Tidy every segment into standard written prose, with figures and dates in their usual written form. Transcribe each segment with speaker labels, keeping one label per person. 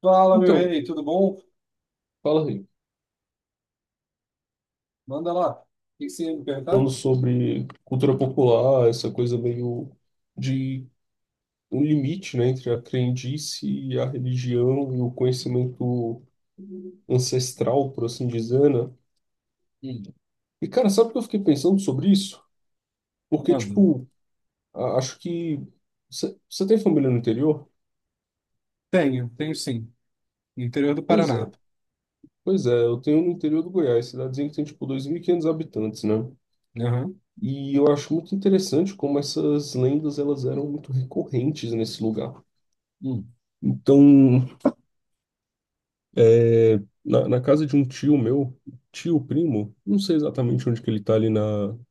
Speaker 1: Fala, meu
Speaker 2: Então,
Speaker 1: rei, tudo bom?
Speaker 2: fala aí.
Speaker 1: Manda lá. O que você ia me
Speaker 2: Falando
Speaker 1: perguntar?
Speaker 2: sobre cultura popular, essa coisa meio de um limite, né, entre a crendice e a religião e o conhecimento
Speaker 1: Hum.
Speaker 2: ancestral, por assim dizer, né? E, cara, sabe o que eu fiquei pensando sobre isso? Porque,
Speaker 1: Manda.
Speaker 2: tipo, acho que... Você tem família no interior?
Speaker 1: Tenho, tenho sim. No interior do
Speaker 2: Pois é,
Speaker 1: Paraná.
Speaker 2: pois é. Eu tenho no interior do Goiás, cidadezinha que tem, tipo, 2500 habitantes, né?
Speaker 1: Aham.
Speaker 2: E eu acho muito interessante como essas lendas, elas eram muito recorrentes nesse lugar.
Speaker 1: Hum.
Speaker 2: Então... Na casa de um tio meu, tio primo, não sei exatamente onde que ele tá ali na,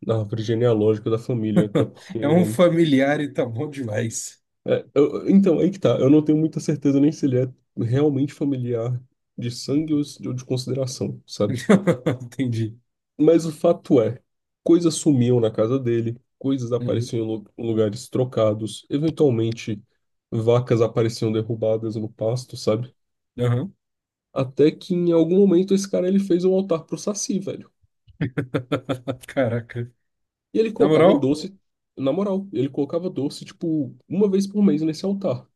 Speaker 2: na árvore genealógica da família, até porque.
Speaker 1: É um familiar e tá bom demais.
Speaker 2: É, então, aí que tá, eu não tenho muita certeza nem se ele é realmente familiar de sangue ou ou de consideração, sabe?
Speaker 1: Entendi.
Speaker 2: Mas o fato é, coisas sumiam na casa dele, coisas
Speaker 1: Uhum.
Speaker 2: apareciam em em lugares trocados, eventualmente vacas apareciam derrubadas no pasto, sabe?
Speaker 1: Aham.
Speaker 2: Até que em algum momento esse cara ele fez um altar pro Saci, velho.
Speaker 1: Caraca.
Speaker 2: E ele
Speaker 1: Na
Speaker 2: colocava
Speaker 1: moral?
Speaker 2: doce, na moral, ele colocava doce, tipo, uma vez por mês nesse altar.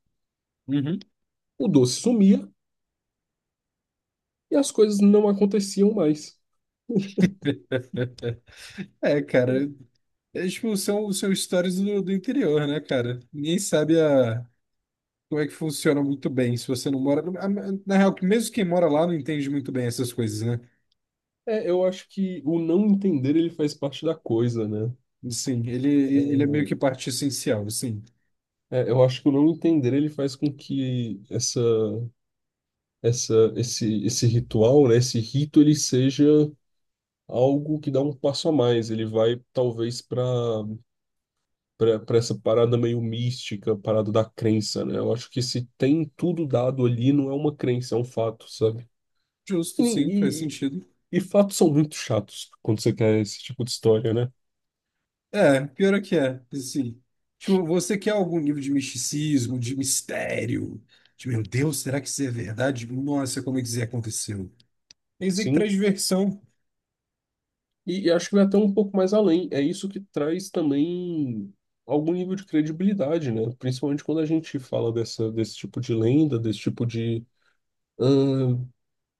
Speaker 1: Uhum.
Speaker 2: O doce sumia e as coisas não aconteciam mais.
Speaker 1: É, cara. É, tipo, são, são histórias do interior, né, cara? Ninguém sabe a, como é que funciona muito bem se você não mora. Na real, mesmo quem mora lá não entende muito bem essas coisas, né?
Speaker 2: É, eu acho que o não entender ele faz parte da coisa, né?
Speaker 1: Sim, ele é meio que parte essencial, sim.
Speaker 2: É, é, eu acho que o não entender ele faz com que esse ritual, né, esse rito, ele seja algo que dá um passo a mais. Ele vai talvez para para essa parada meio mística, parada da crença, né? Eu acho que se tem tudo dado ali, não é uma crença, é um fato, sabe?
Speaker 1: Justo, sim, faz
Speaker 2: E, e,
Speaker 1: sentido.
Speaker 2: e fatos são muito chatos quando você quer esse tipo de história, né?
Speaker 1: É, pior é que é, sim. Tipo, você quer algum nível de misticismo, de mistério? De, meu Deus, será que isso é verdade? Nossa, como é que isso aconteceu? É isso aí que
Speaker 2: Sim.
Speaker 1: traz diversão.
Speaker 2: E acho que vai até um pouco mais além. É isso que traz também algum nível de credibilidade, né? Principalmente quando a gente fala dessa, desse tipo de lenda, desse tipo de. ahn,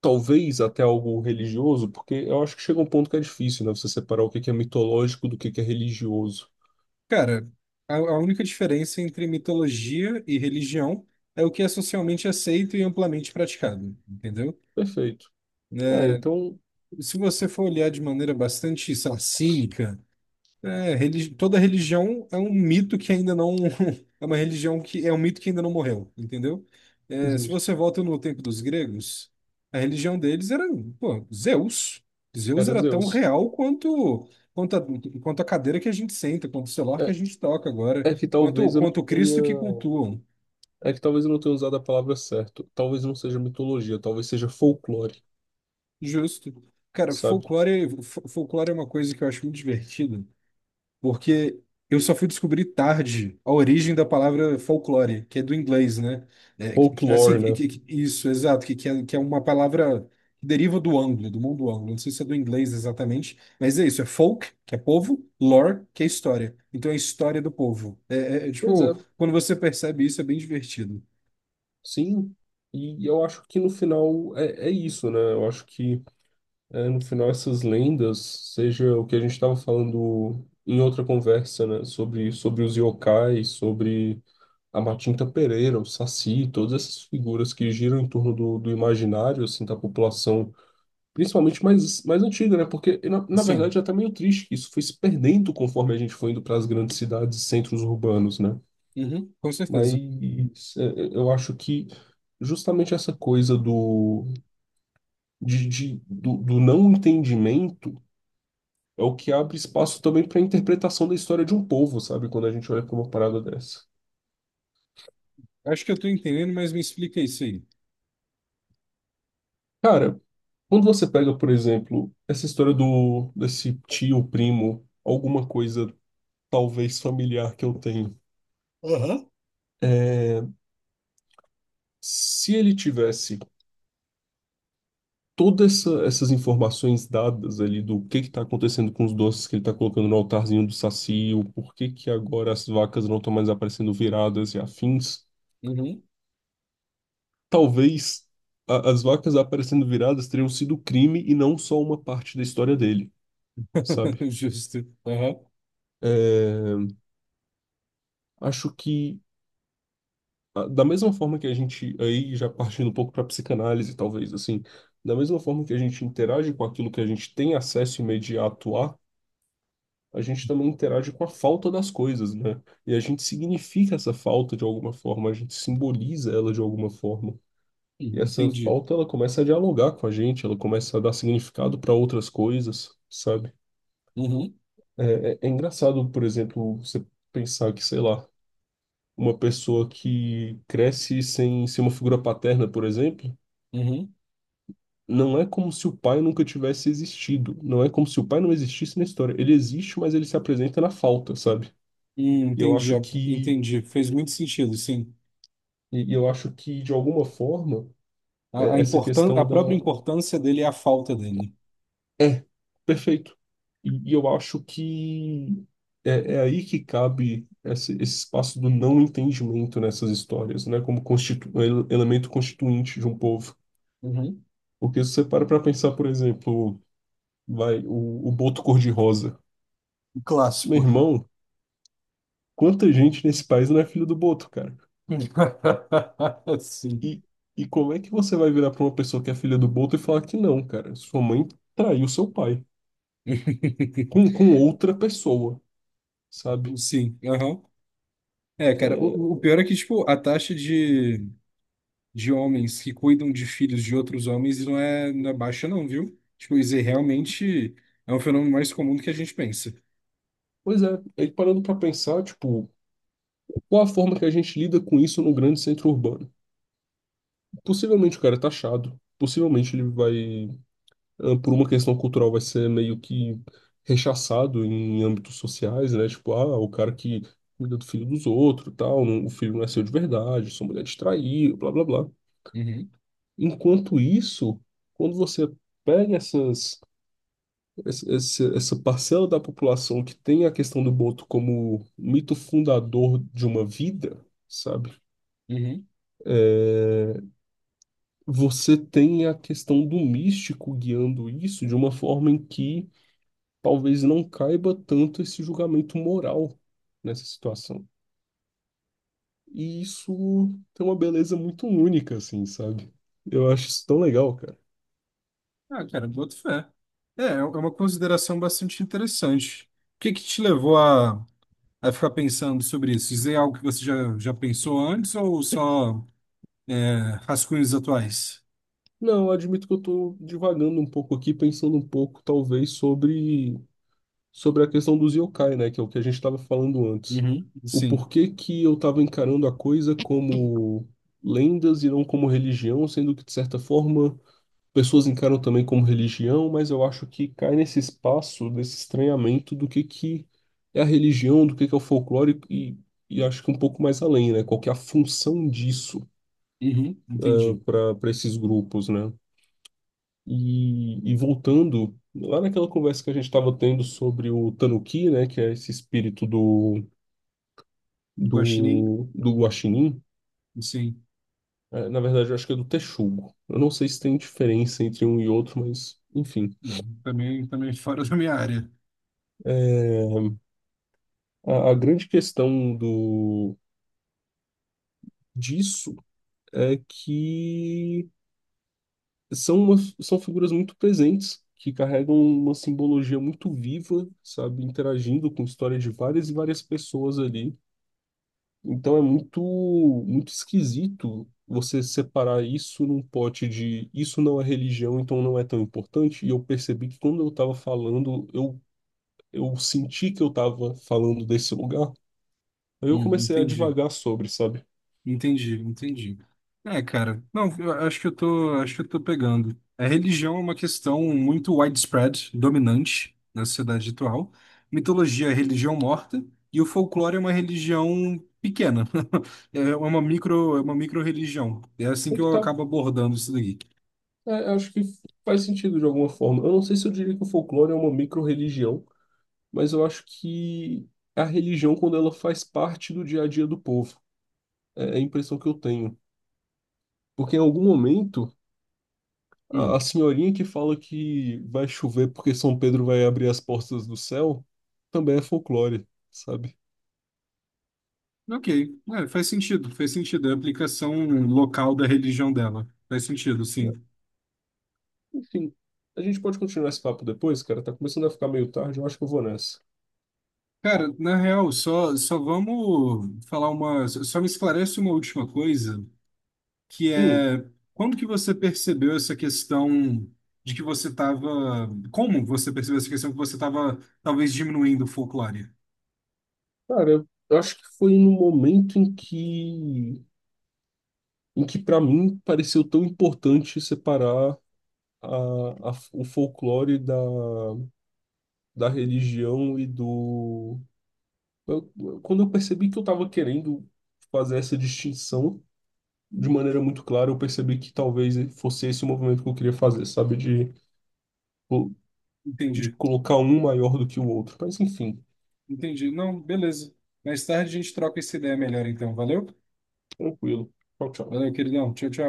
Speaker 2: talvez até algo religioso, porque eu acho que chega um ponto que é difícil, né? Você separar o que que é mitológico do que é religioso.
Speaker 1: Cara, a única diferença entre mitologia e religião é o que é socialmente aceito e amplamente praticado, entendeu?
Speaker 2: Perfeito. É,
Speaker 1: Né?
Speaker 2: então,
Speaker 1: Se você for olhar de maneira bastante, sei lá, cínica, é, toda religião é um mito que ainda não. É uma religião que é um mito que ainda não morreu, entendeu? É, se
Speaker 2: justo.
Speaker 1: você volta no tempo dos gregos, a religião deles era, pô, Zeus. Zeus
Speaker 2: Era
Speaker 1: era tão
Speaker 2: Zeus.
Speaker 1: real quanto, quanto, a, quanto a cadeira que a gente senta, quanto o celular que a
Speaker 2: É,
Speaker 1: gente toca agora,
Speaker 2: é que
Speaker 1: quanto,
Speaker 2: talvez eu não
Speaker 1: quanto o
Speaker 2: tenha.
Speaker 1: Cristo que cultuam.
Speaker 2: É que talvez eu não tenha usado a palavra certa. Talvez não seja mitologia, talvez seja folclore,
Speaker 1: Justo. Cara,
Speaker 2: sabe?
Speaker 1: folclore, folclore é uma coisa que eu acho muito divertida porque eu só fui descobrir tarde a origem da palavra folclore, que é do inglês, né? É,
Speaker 2: Folklore, né?
Speaker 1: exato, que é uma palavra que deriva do anglo, do mundo anglo. Não sei se é do inglês exatamente, mas é isso, é folk, que é povo, lore, que é história. Então é a história do povo.
Speaker 2: Pois é,
Speaker 1: Tipo, quando você percebe isso, é bem divertido.
Speaker 2: sim. E eu acho que no final é, é isso, né? Eu acho que é, no final essas lendas, seja o que a gente estava falando em outra conversa, né? Sobre os yokais, sobre a Matinta Pereira, o Saci, todas essas figuras que giram em torno do, do imaginário assim da população, principalmente mais, mais antiga, né? Porque na verdade
Speaker 1: Sim.
Speaker 2: já tá meio triste que isso foi se perdendo conforme a gente foi indo para as grandes cidades e centros urbanos, né?
Speaker 1: Uhum, com certeza.
Speaker 2: Mas é, é, eu acho que justamente essa coisa do, de, do, do não entendimento é o que abre espaço também para a interpretação da história de um povo, sabe? Quando a gente olha para uma parada dessa.
Speaker 1: Acho que eu tô entendendo, mas me explica isso aí.
Speaker 2: Cara, quando você pega, por exemplo, essa história do desse tio, primo, alguma coisa talvez familiar que eu tenho,
Speaker 1: Aham.
Speaker 2: se ele tivesse todas essas informações dadas ali do que está acontecendo com os doces que ele está colocando no altarzinho do Saci, o porquê que agora as vacas não estão mais aparecendo viradas e afins,
Speaker 1: Uhum.
Speaker 2: talvez as vacas aparecendo viradas teriam sido crime e não só uma parte da história dele, sabe?
Speaker 1: Justo. Aham.
Speaker 2: É, acho que ah, da mesma forma que a gente, aí já partindo um pouco para psicanálise, talvez, assim, da mesma forma que a gente interage com aquilo que a gente tem acesso imediato a gente também interage com a falta das coisas, né? E a gente significa essa falta de alguma forma, a gente simboliza ela de alguma forma. E
Speaker 1: Uhum,
Speaker 2: essa
Speaker 1: entendi.
Speaker 2: falta, ela começa a dialogar com a gente, ela começa a dar significado para outras coisas, sabe?
Speaker 1: Uhum.
Speaker 2: É, é, é engraçado, por exemplo, você pensar que, sei lá, uma pessoa que cresce sem ser uma figura paterna, por exemplo.
Speaker 1: Uhum.
Speaker 2: Não é como se o pai nunca tivesse existido. Não é como se o pai não existisse na história. Ele existe, mas ele se apresenta na falta, sabe? E eu
Speaker 1: Entendi,
Speaker 2: acho que,
Speaker 1: entendi. Fez muito sentido, sim.
Speaker 2: e eu acho que de alguma forma,
Speaker 1: A,
Speaker 2: essa
Speaker 1: importan a
Speaker 2: questão da.
Speaker 1: própria importância dele é a falta dele.
Speaker 2: É, perfeito. E eu acho que é, é aí que cabe esse espaço do não entendimento nessas histórias, né? Como constitu... um elemento constituinte de um povo.
Speaker 1: Uhum.
Speaker 2: Porque se você para pra pensar, por exemplo, vai, o Boto Cor-de-Rosa.
Speaker 1: Um
Speaker 2: Meu
Speaker 1: clássico.
Speaker 2: irmão. Quanta gente nesse país não é filho do Boto, cara?
Speaker 1: Sim.
Speaker 2: E, e como é que você vai virar pra uma pessoa que é filha do Boto e falar que não, cara? Sua mãe traiu seu pai com outra pessoa, sabe?
Speaker 1: Sim, aham. É, cara, o
Speaker 2: É,
Speaker 1: pior é que, tipo, a taxa de homens que cuidam de filhos de outros homens não é, não é baixa, não, viu? Tipo, isso aí realmente é um fenômeno mais comum do que a gente pensa.
Speaker 2: pois é, aí parando pra pensar, tipo, qual a forma que a gente lida com isso no grande centro urbano? Possivelmente o cara é taxado, possivelmente ele vai ah, por uma questão cultural, vai ser meio que rechaçado em âmbitos sociais, né? Tipo, ah, o cara que cuida do filho dos outros, tal, o filho não é seu de verdade, sua mulher te traiu, blá, blá, blá.
Speaker 1: Uhum.
Speaker 2: Enquanto isso, quando você pega essa essa parcela da população que tem a questão do boto como mito fundador de uma vida, sabe?
Speaker 1: Uhum.
Speaker 2: Você tem a questão do místico guiando isso de uma forma em que talvez não caiba tanto esse julgamento moral nessa situação. E isso tem uma beleza muito única, assim, sabe? Eu acho isso tão legal, cara.
Speaker 1: Ah, cara, boto fé. É, é um, é uma consideração bastante interessante. O que que te levou a ficar pensando sobre isso? Dizer algo que você já, já pensou antes ou só é, rascunhos atuais?
Speaker 2: Não, eu admito que eu tô divagando um pouco aqui, pensando um pouco, talvez, sobre a questão dos yokai, né? Que é o que a gente estava falando antes.
Speaker 1: Uhum.
Speaker 2: O
Speaker 1: Sim.
Speaker 2: porquê que eu estava encarando a coisa como lendas e não como religião, sendo que, de certa forma, pessoas encaram também como religião, mas eu acho que cai nesse espaço desse estranhamento do que é a religião, do que é o folclore e acho que um pouco mais além, né? Qual que é a função disso
Speaker 1: Uhum. Entendi.
Speaker 2: para esses grupos, né? E voltando lá naquela conversa que a gente estava tendo sobre o Tanuki, né? Que é esse espírito do
Speaker 1: Guaxinim,
Speaker 2: do Guaxinim.
Speaker 1: sim.
Speaker 2: É, na verdade, eu acho que é do Texugo. Eu não sei se tem diferença entre um e outro, mas enfim.
Speaker 1: Uhum. Também, também fora da minha área.
Speaker 2: É, a grande questão do disso é que são, são figuras muito presentes, que carregam uma simbologia muito viva, sabe, interagindo com histórias de várias e várias pessoas ali. Então é muito, muito esquisito você separar isso num pote de isso não é religião, então não é tão importante. E eu percebi que quando eu estava falando, eu senti que eu estava falando desse lugar. Aí eu
Speaker 1: Uhum.
Speaker 2: comecei a
Speaker 1: Entendi.
Speaker 2: divagar sobre, sabe?
Speaker 1: Entendi, entendi. É, cara, não, eu acho que eu tô, acho que eu tô pegando. A religião é uma questão muito widespread, dominante na sociedade atual. Mitologia é religião morta e o folclore é uma religião pequena. É uma micro, é uma micro-religião. É assim
Speaker 2: Aí
Speaker 1: que
Speaker 2: que
Speaker 1: eu
Speaker 2: tá.
Speaker 1: acabo abordando isso daqui.
Speaker 2: É, acho que faz sentido de alguma forma. Eu não sei se eu diria que o folclore é uma micro-religião, mas eu acho que a religião, quando ela faz parte do dia a dia do povo, é a impressão que eu tenho. Porque em algum momento.
Speaker 1: Hum.
Speaker 2: A senhorinha que fala que vai chover porque São Pedro vai abrir as portas do céu também é folclore, sabe?
Speaker 1: Ok, é, faz sentido, faz sentido. É a aplicação local da religião dela. Faz sentido, sim.
Speaker 2: Enfim, a gente pode continuar esse papo depois, cara. Tá começando a ficar meio tarde, eu acho que eu vou nessa.
Speaker 1: Cara, na real, só, só vamos falar uma. Só me esclarece uma última coisa, que
Speaker 2: Hum,
Speaker 1: é quando que você percebeu essa questão de que você estava. Como você percebeu essa questão que você estava talvez diminuindo o folclore?
Speaker 2: cara, eu acho que foi no momento em que para mim pareceu tão importante separar a, o folclore da, da religião e do. Quando eu percebi que eu tava querendo fazer essa distinção de maneira muito clara, eu percebi que talvez fosse esse o movimento que eu queria fazer, sabe? De
Speaker 1: Entendi,
Speaker 2: colocar um maior do que o outro. Mas enfim,
Speaker 1: entendi. Não, beleza. Mais tarde a gente troca essa ideia melhor, então. Valeu?
Speaker 2: tranquilo. Tchau, tchau.
Speaker 1: Valeu, queridão. Tchau, tchau.